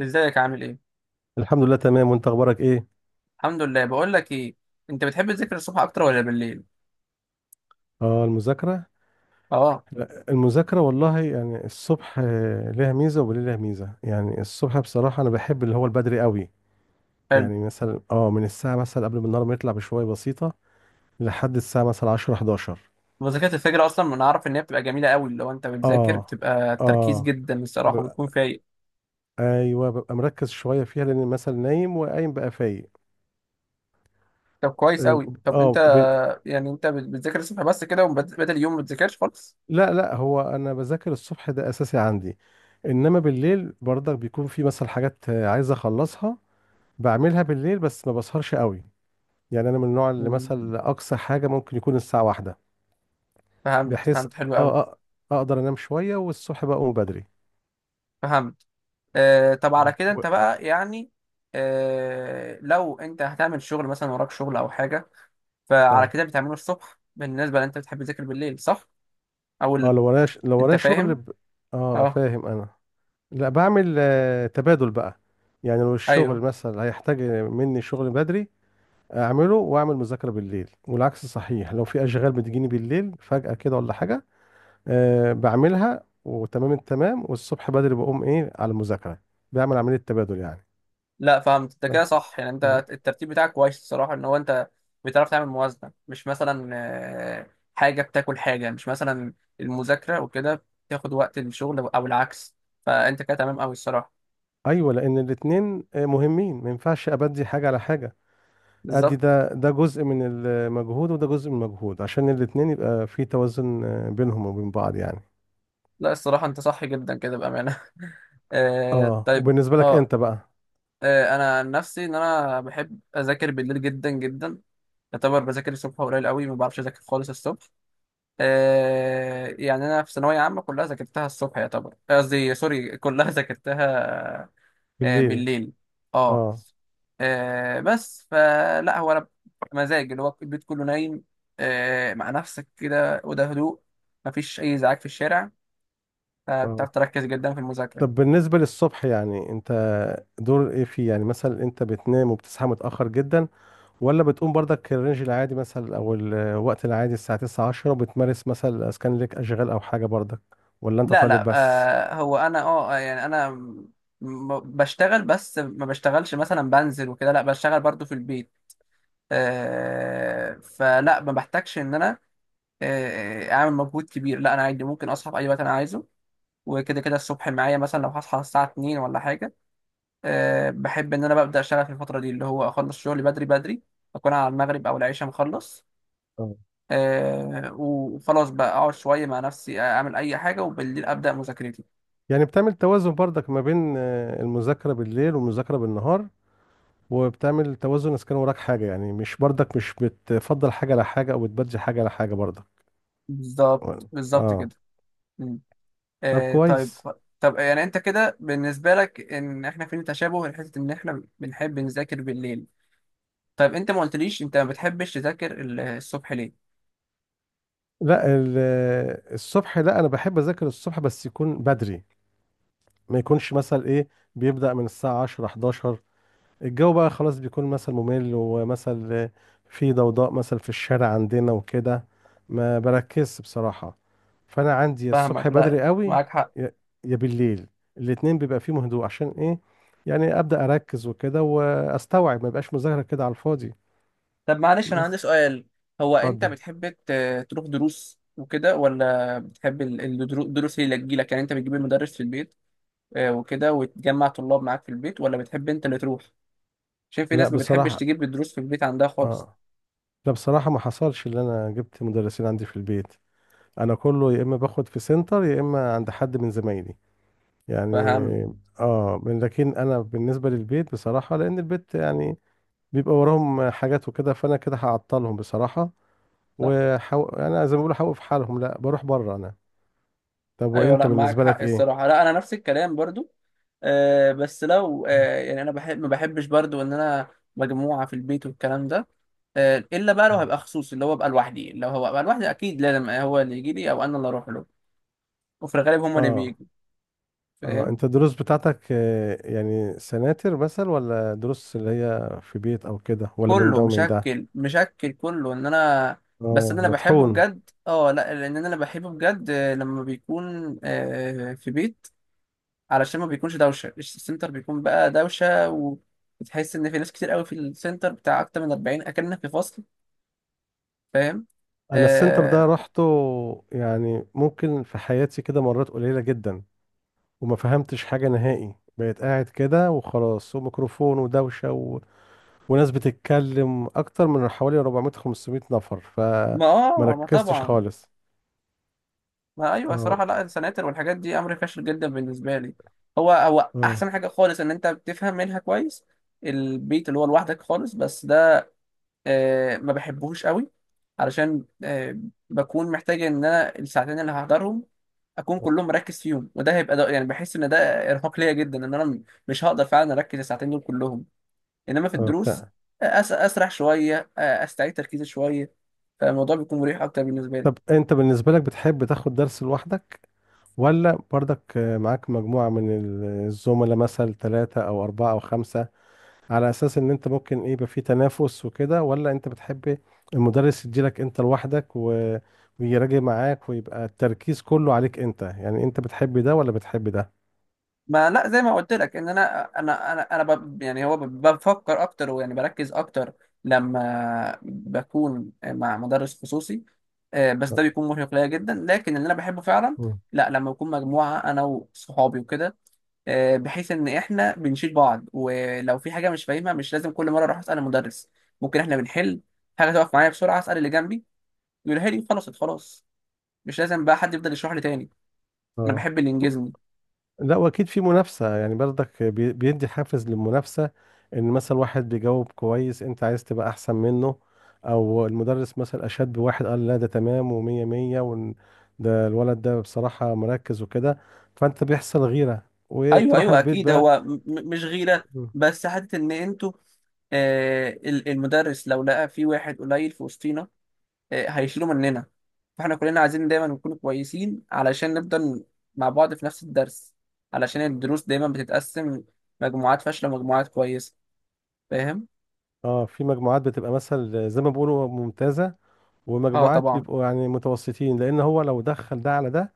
ازيك؟ عامل ايه؟ الحمد لله، تمام. وانت اخبارك ايه؟ الحمد لله. بقول لك ايه، انت بتحب تذاكر الصبح اكتر ولا بالليل؟ اه، المذاكره. اه. لا، المذاكره والله، يعني الصبح ليها ميزه وبالليل ليها ميزه. يعني الصبح بصراحه انا بحب اللي هو البدري قوي. حلو. يعني مثلا من الساعه مثلا قبل ما النهار ما يطلع بشويه بسيطه، لحد الساعه مثلا 10 11. وذاكرة الفجر اصلا انا اعرف ان هي بتبقى جميله قوي، لو انت بتذاكر اه. بتبقى تركيز اه. جدا الصراحه ببقى وبتكون فايق. ايوه، ببقى مركز شويه فيها لان مثلا نايم وقايم بقى فايق. طب كويس قوي. اه طب انت، آه، ب... يعني انت بتذاكر الصبح بس كده، وبدل اليوم ما بتذاكرش خالص؟ لا، لا، هو انا بذاكر الصبح، ده اساسي عندي. انما بالليل برضك بيكون في مثلا حاجات عايز اخلصها. بعملها بالليل بس ما بسهرش قوي. يعني انا من النوع اللي مم. مثلا اقصى حاجه ممكن يكون الساعه واحدة، فهمت بحيث فهمت حلو قوي. اه اقدر انام شويه والصبح بقى اقوم بدري. فهمت. آه، طب على اه. كده انت بقى يعني لو انت هتعمل شغل مثلا وراك شغل او حاجه، فعلى اه. كده بتعمله الصبح، بالنسبه لان انت بتحب تذاكر بالليل، صح؟ او اه. ال- لو انت ورايا شغل فاهم؟ اه، اه. فاهم انا. لا، بعمل تبادل بقى. يعني لو الشغل ايوه. مثلا هيحتاج مني شغل بدري اعمله، واعمل مذاكره بالليل، والعكس صحيح. لو في اشغال بتجيني بالليل فجاه كده ولا حاجه بعملها وتمام التمام، والصبح بدري بقوم ايه على المذاكرة. بعمل عملية تبادل يعني. لا فهمت انت كده بس. صح، يعني مم. انت الترتيب بتاعك كويس الصراحه ان هو انت بتعرف تعمل موازنه، مش مثلا آه، حاجه بتاكل حاجه، مش مثلا المذاكره وكده بتاخد وقت الشغل او العكس، فانت كده تمام قوي الصراحه. ايوه، لان الاتنين مهمين، ما ينفعش ابدي حاجة على حاجة. ادي بالظبط. ده، ده جزء من المجهود وده جزء من المجهود، عشان الاتنين يبقى في توازن بينهم وبين بعض يعني. لا الصراحه انت صح جدا كده بامانه. اه، طيب. وبالنسبة لك اه انت بقى؟ انا عن نفسي ان انا بحب اذاكر بالليل جدا جدا. يعتبر بذاكر الصبح قليل قوي، ما بعرفش اذاكر خالص الصبح. آه، يعني انا في ثانويه عامه كلها ذاكرتها الصبح يعتبر، قصدي سوري، كلها ذاكرتها بالليل. بالليل. اه. اه. بس فلا هو انا مزاج اللي هو البيت كله نايم، مع نفسك كده وده هدوء، مفيش اي ازعاج في الشارع، فبتعرف اه. تركز جدا في المذاكره. طب بالنسبة للصبح، يعني انت دور ايه فيه؟ يعني مثلا انت بتنام وبتصحى متأخر جدا، ولا بتقوم برضك الرينج العادي مثلا، او الوقت العادي الساعة 9 10، وبتمارس مثلا اسكان لك اشغال او حاجة برضك؟ ولا انت لا طالب لا. بس؟ هو انا يعني انا بشتغل بس ما بشتغلش مثلا بنزل وكده، لا بشتغل برضو في البيت. فلا ما بحتاجش ان انا آه، اعمل مجهود كبير، لا انا عادي ممكن اصحى في اي وقت انا عايزه. وكده كده الصبح معايا، مثلا لو هصحى الساعه 2 ولا حاجه، أه بحب ان انا ببدا اشتغل في الفتره دي اللي هو اخلص شغلي بدري بدري، اكون على المغرب او العشاء مخلص. آه. أه، وخلاص بقى اقعد شويه مع نفسي اعمل اي حاجه وبالليل ابدا مذاكرتي. يعني بتعمل توازن برضك ما بين المذاكرة بالليل والمذاكرة بالنهار، وبتعمل توازن اذا كان وراك حاجة، يعني مش برضك، مش بتفضل حاجة على حاجة او بتبدي حاجة على حاجة برضك. بالظبط بالظبط اه. كده. مم. طب أه، طيب. كويس. طب، يعني انت كده بالنسبه لك ان احنا فين تشابه لحته ان احنا بنحب نذاكر بالليل. طيب انت ما قلتليش انت ما بتحبش تذاكر الصبح ليه؟ لا، الصبح، لا، انا بحب اذاكر الصبح بس يكون بدري، ما يكونش مثلا ايه بيبدأ من الساعة 10 11. الجو بقى خلاص بيكون مثل ممل ومثل، في ضوضاء مثل في الشارع عندنا وكده، ما بركزش بصراحة. فأنا عندي، يا الصبح فاهمك. لا بدري قوي، معاك حق. يا يا بالليل، الاتنين بيبقى فيهم هدوء. عشان إيه؟ يعني أبدأ أركز وكده وأستوعب، ما يبقاش مذاكرة كده على الفاضي. طب معلش انا عندي بس. سؤال، هو انت اتفضل. بتحب تروح دروس وكده، ولا بتحب الدروس هي اللي تجيلك، يعني انت بتجيب المدرس في البيت آه، وكده وتجمع طلاب معاك في البيت، ولا بتحب انت اللي تروح؟ عشان في لا، ناس ما بتحبش بصراحة. تجيب الدروس في البيت عندها خالص. آه لا، بصراحة، ما حصلش اللي أنا جبت مدرسين عندي في البيت. أنا كله يا إما باخد في سنتر، يا إما عند حد من زمايلي يعني. فاهم؟ لكن انا بالنسبه للبيت، بصراحه، لان البيت يعني بيبقى وراهم حاجات وكده، فانا كده هعطلهم بصراحه. صح. انا زي ما بقول هوقف حالهم، لا بروح بره انا. طب ايوه وانت لا معاك بالنسبه حق لك ايه؟ الصراحه، لا انا نفس الكلام برضو. بس لو آه، يعني انا بحب ما بحبش برضو ان انا مجموعه في البيت والكلام ده. الا بقى لو مم. هبقى خصوصي اللي هو ابقى لوحدي، لو هو ابقى لوحدي اكيد لازم هو اللي يجي لي او انا اللي اروح له، وفي الغالب هم اللي اه. بيجوا. اه فاهم؟ انت الدروس بتاعتك، يعني سناتر مثلا ولا دروس اللي هي في بيت او كده، ولا من كله ده ومن ده؟ مشكل مشكل كله ان انا، بس إن اه، انا بحبه مطحون. بجد. اه لا لان انا بحبه بجد آه، لما بيكون آه، في بيت. علشان ما بيكونش دوشه، السنتر بيكون بقى دوشه وبتحس ان في ناس كتير قوي في السنتر بتاع اكتر من 40 اكنك في فصل. فاهم؟ انا السنتر ده آه رحته يعني ممكن في حياتي كده مرات قليلة جدا، وما فهمتش حاجة نهائي. بقيت قاعد كده وخلاص، وميكروفون ودوشة وناس بتتكلم، أكتر من حوالي 400 500 نفر، فما ما اه ما ركزتش طبعا. خالص. ما ايوه اه. صراحه، لا السناتر والحاجات دي امر فاشل جدا بالنسبه لي. هو هو اه. احسن حاجه خالص ان انت بتفهم منها كويس البيت، اللي هو لوحدك خالص. بس آه، ما بحبهوش قوي علشان آه، بكون محتاج ان انا الساعتين اللي هحضرهم اكون كلهم مركز فيهم، وده هيبقى، ده يعني بحس ان ده ارهاق ليا جدا، ان انا مش هقدر فعلا اركز الساعتين دول كلهم. انما في اه، الدروس فعلا. آه، اسرح شويه آه، استعيد تركيزي شويه، فالموضوع بيكون مريح اكتر بالنسبه لي. طب أنت بالنسبة لك بتحب تاخد درس لوحدك، ولا برضك معاك مجموعة من الزملاء مثلا، ثلاثة أو أربعة أو خمسة، على اساس ان انت ممكن ايه يبقى في تنافس وكده؟ ولا انت بتحب المدرس يديلك انت لوحدك ويراجع معاك، ويبقى التركيز كله عليك انت؟ يعني انت بتحب ده ولا بتحب ده؟ ما لا زي ما قلت لك ان انا يعني هو بفكر اكتر ويعني بركز اكتر لما بكون مع مدرس خصوصي. آه، بس ده بيكون مرهق ليا جدا، لكن اللي انا بحبه فعلا، مم. لا لما يكون مجموعه انا وصحابي وكده آه، بحيث ان احنا بنشيل بعض ولو في حاجه مش فاهمها مش لازم كل مره اروح اسال المدرس، ممكن احنا بنحل، حاجه تقف معايا بسرعه اسال اللي جنبي يقولها لي، خلاص خلاص مش لازم بقى حد يفضل يشرح لي تاني. انا اه. بحب اللي ينجزني. لا، واكيد في منافسه، يعني برضك بيدي حافز للمنافسه، ان مثلا واحد بيجاوب كويس، انت عايز تبقى احسن منه. او المدرس مثلا اشاد بواحد قال، لا ده تمام ومية مية، وإن ده الولد ده بصراحه مركز وكده، فانت بيحصل غيره ايوه وتروح ايوه البيت اكيد بقى. هو مش غيره، مم. بس حته ان انتوا آه، المدرس لو لقى في واحد قليل في وسطينا آه، هيشيله مننا، فاحنا كلنا عايزين دايما نكون كويسين علشان نفضل مع بعض في نفس الدرس، علشان الدروس دايما بتتقسم مجموعات فاشلة ومجموعات كويسة. فاهم؟ اه، في مجموعات بتبقى مثلا زي ما بيقولوا ممتازة، اه ومجموعات طبعا. بيبقوا يعني متوسطين، لأن هو لو دخل ده على ده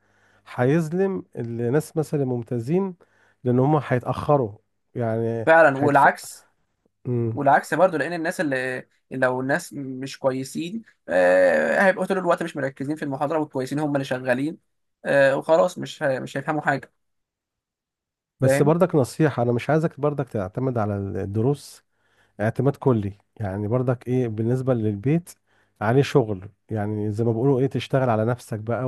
هيظلم الناس مثلا الممتازين، لأن هم هيتأخروا يعني فعلا. هيتف... والعكس، مم. والعكس برضو، لان الناس اللي، لو الناس مش كويسين آه، هيبقوا طول الوقت مش مركزين في المحاضره والكويسين هم اللي شغالين آه، وخلاص مش مش هيفهموا حاجه. بس فاهم؟ برضك نصيحة، أنا مش عايزك برضك تعتمد على الدروس اعتماد كلي. يعني برضك إيه، بالنسبة للبيت عليه شغل، يعني زي ما بيقولوا إيه، تشتغل على نفسك بقى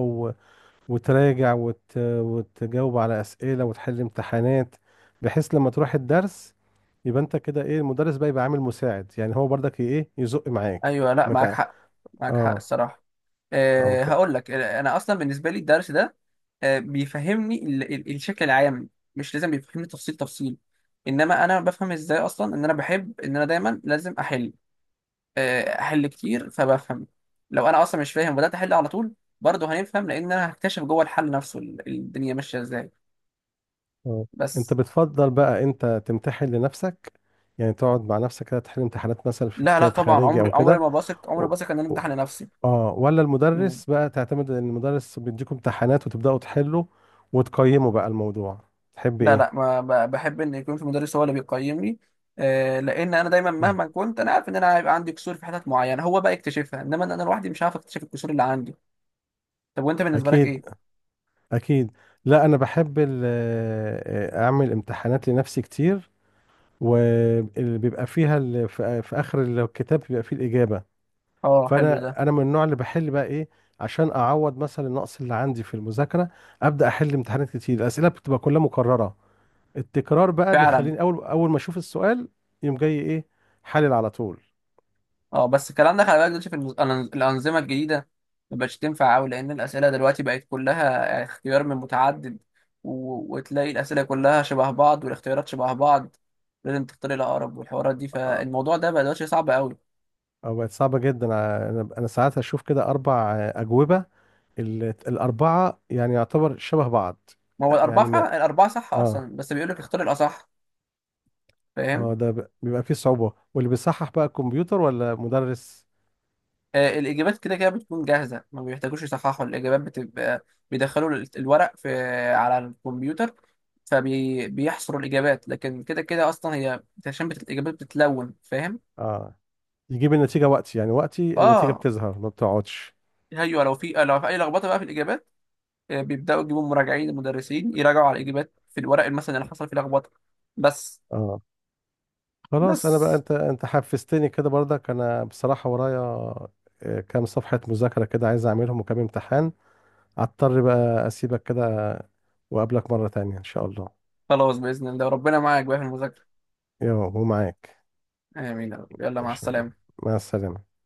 وتراجع وتجاوب على أسئلة، وتحل امتحانات، بحيث لما تروح الدرس يبقى انت كده ايه، المدرس بقى يبقى عامل مساعد، يعني هو برضك ايه يزق معاك. ايوه لا معاك مت... حق. معاك حق اه. الصراحه. اه. آه، هقول لك آه، انا اصلا بالنسبه لي الدرس ده آه، بيفهمني الشكل العام، مش لازم بيفهمني تفصيل تفصيل. انما انا بفهم ازاي اصلا ان انا بحب ان انا دايما لازم احل آه، احل كتير فبفهم. لو انا اصلا مش فاهم وبدات احل على طول، برضه هنفهم لان انا هكتشف جوه الحل نفسه الدنيا ماشيه ازاي. اه، انت بس. بتفضل بقى انت تمتحن لنفسك، يعني تقعد مع نفسك كده تحل امتحانات مثلا في لا لا كتاب طبعا، خارجي عمري او عمري كده، ما بثق، عمري ما و... بثق ان انا و... امتحن نفسي. اه، ولا مم. المدرس بقى تعتمد ان المدرس بيديكم امتحانات، وتبدأوا تحلوا، وتقيموا بقى الموضوع؟ تحب لا ايه؟ لا ما بحب ان يكون في مدرس هو اللي بيقيمني، آه، لان انا دايما مم. مهما كنت انا عارف ان انا هيبقى عندي كسور في حتت معينه هو بقى يكتشفها، انما انا لوحدي مش عارف اكتشف الكسور اللي عندي. طب وانت بالنسبه لك اكيد. ايه؟ اكيد. لا، انا بحب اعمل امتحانات لنفسي كتير، وبيبقى فيها في اخر الكتاب بيبقى فيه الاجابه. اه حلو ده. فانا من النوع اللي بحل بقى ايه، عشان اعوض مثلا النقص اللي عندي في المذاكره. ابدا احل امتحانات كتير، الاسئله بتبقى كلها مكرره. التكرار بقى فعلا. بيخليني اول، اول ما اشوف السؤال يوم جاي ايه، حلل على طول. اه بس الكلام ده خلي بالك دلوقتي في الانظمه الجديده، ما بقتش تنفع قوي لان الاسئله دلوقتي بقت كلها اختيار من متعدد، وتلاقي الاسئله كلها شبه بعض والاختيارات شبه بعض، لازم تختار الاقرب والحوارات دي، أه، فالموضوع ده بقى دلوقتي صعب قوي. أه، بقت صعبه جدا. انا ساعات اشوف كده اربع اجوبه، ال- الاربعه يعني يعتبر شبه بعض ما هو الاربعه يعني. فعلا، الاربعه صح اه. اصلا، بس بيقول لك اختار الاصح. اه، فاهم؟ ده بيبقى فيه صعوبة، واللي بيصحح بقى الكمبيوتر ولا مدرس؟ آه، الإجابات كده كده بتكون جاهزة، ما بيحتاجوش يصححوا الإجابات، بتبقى بيدخلوا الورق في، على الكمبيوتر، فبيحصروا الإجابات. لكن كده كده أصلا هي عشان الإجابات بتتلون. فاهم؟ اه، يجيب النتيجة وقتي، يعني وقتي النتيجة آه. بتظهر ما بتقعدش. أيوه، لو في أي لخبطة بقى في الإجابات آه، بيبدأوا يجيبوا مراجعين المدرسين يراجعوا على الإجابات في الورق مثلا اللي حصل فيه لخبطة. بس اه، خلاص انا بقى، بس انت حفزتني كده برضك. انا بصراحة ورايا كام صفحة مذاكرة كده عايز اعملهم، وكام امتحان، اضطر بقى اسيبك كده واقابلك مرة تانية ان شاء الله. خلاص، بإذن الله ربنا معاك بقى في المذاكرة. ومعاك. آمين يا رب. يلا مع ماشي. السلامة. مع السلامة.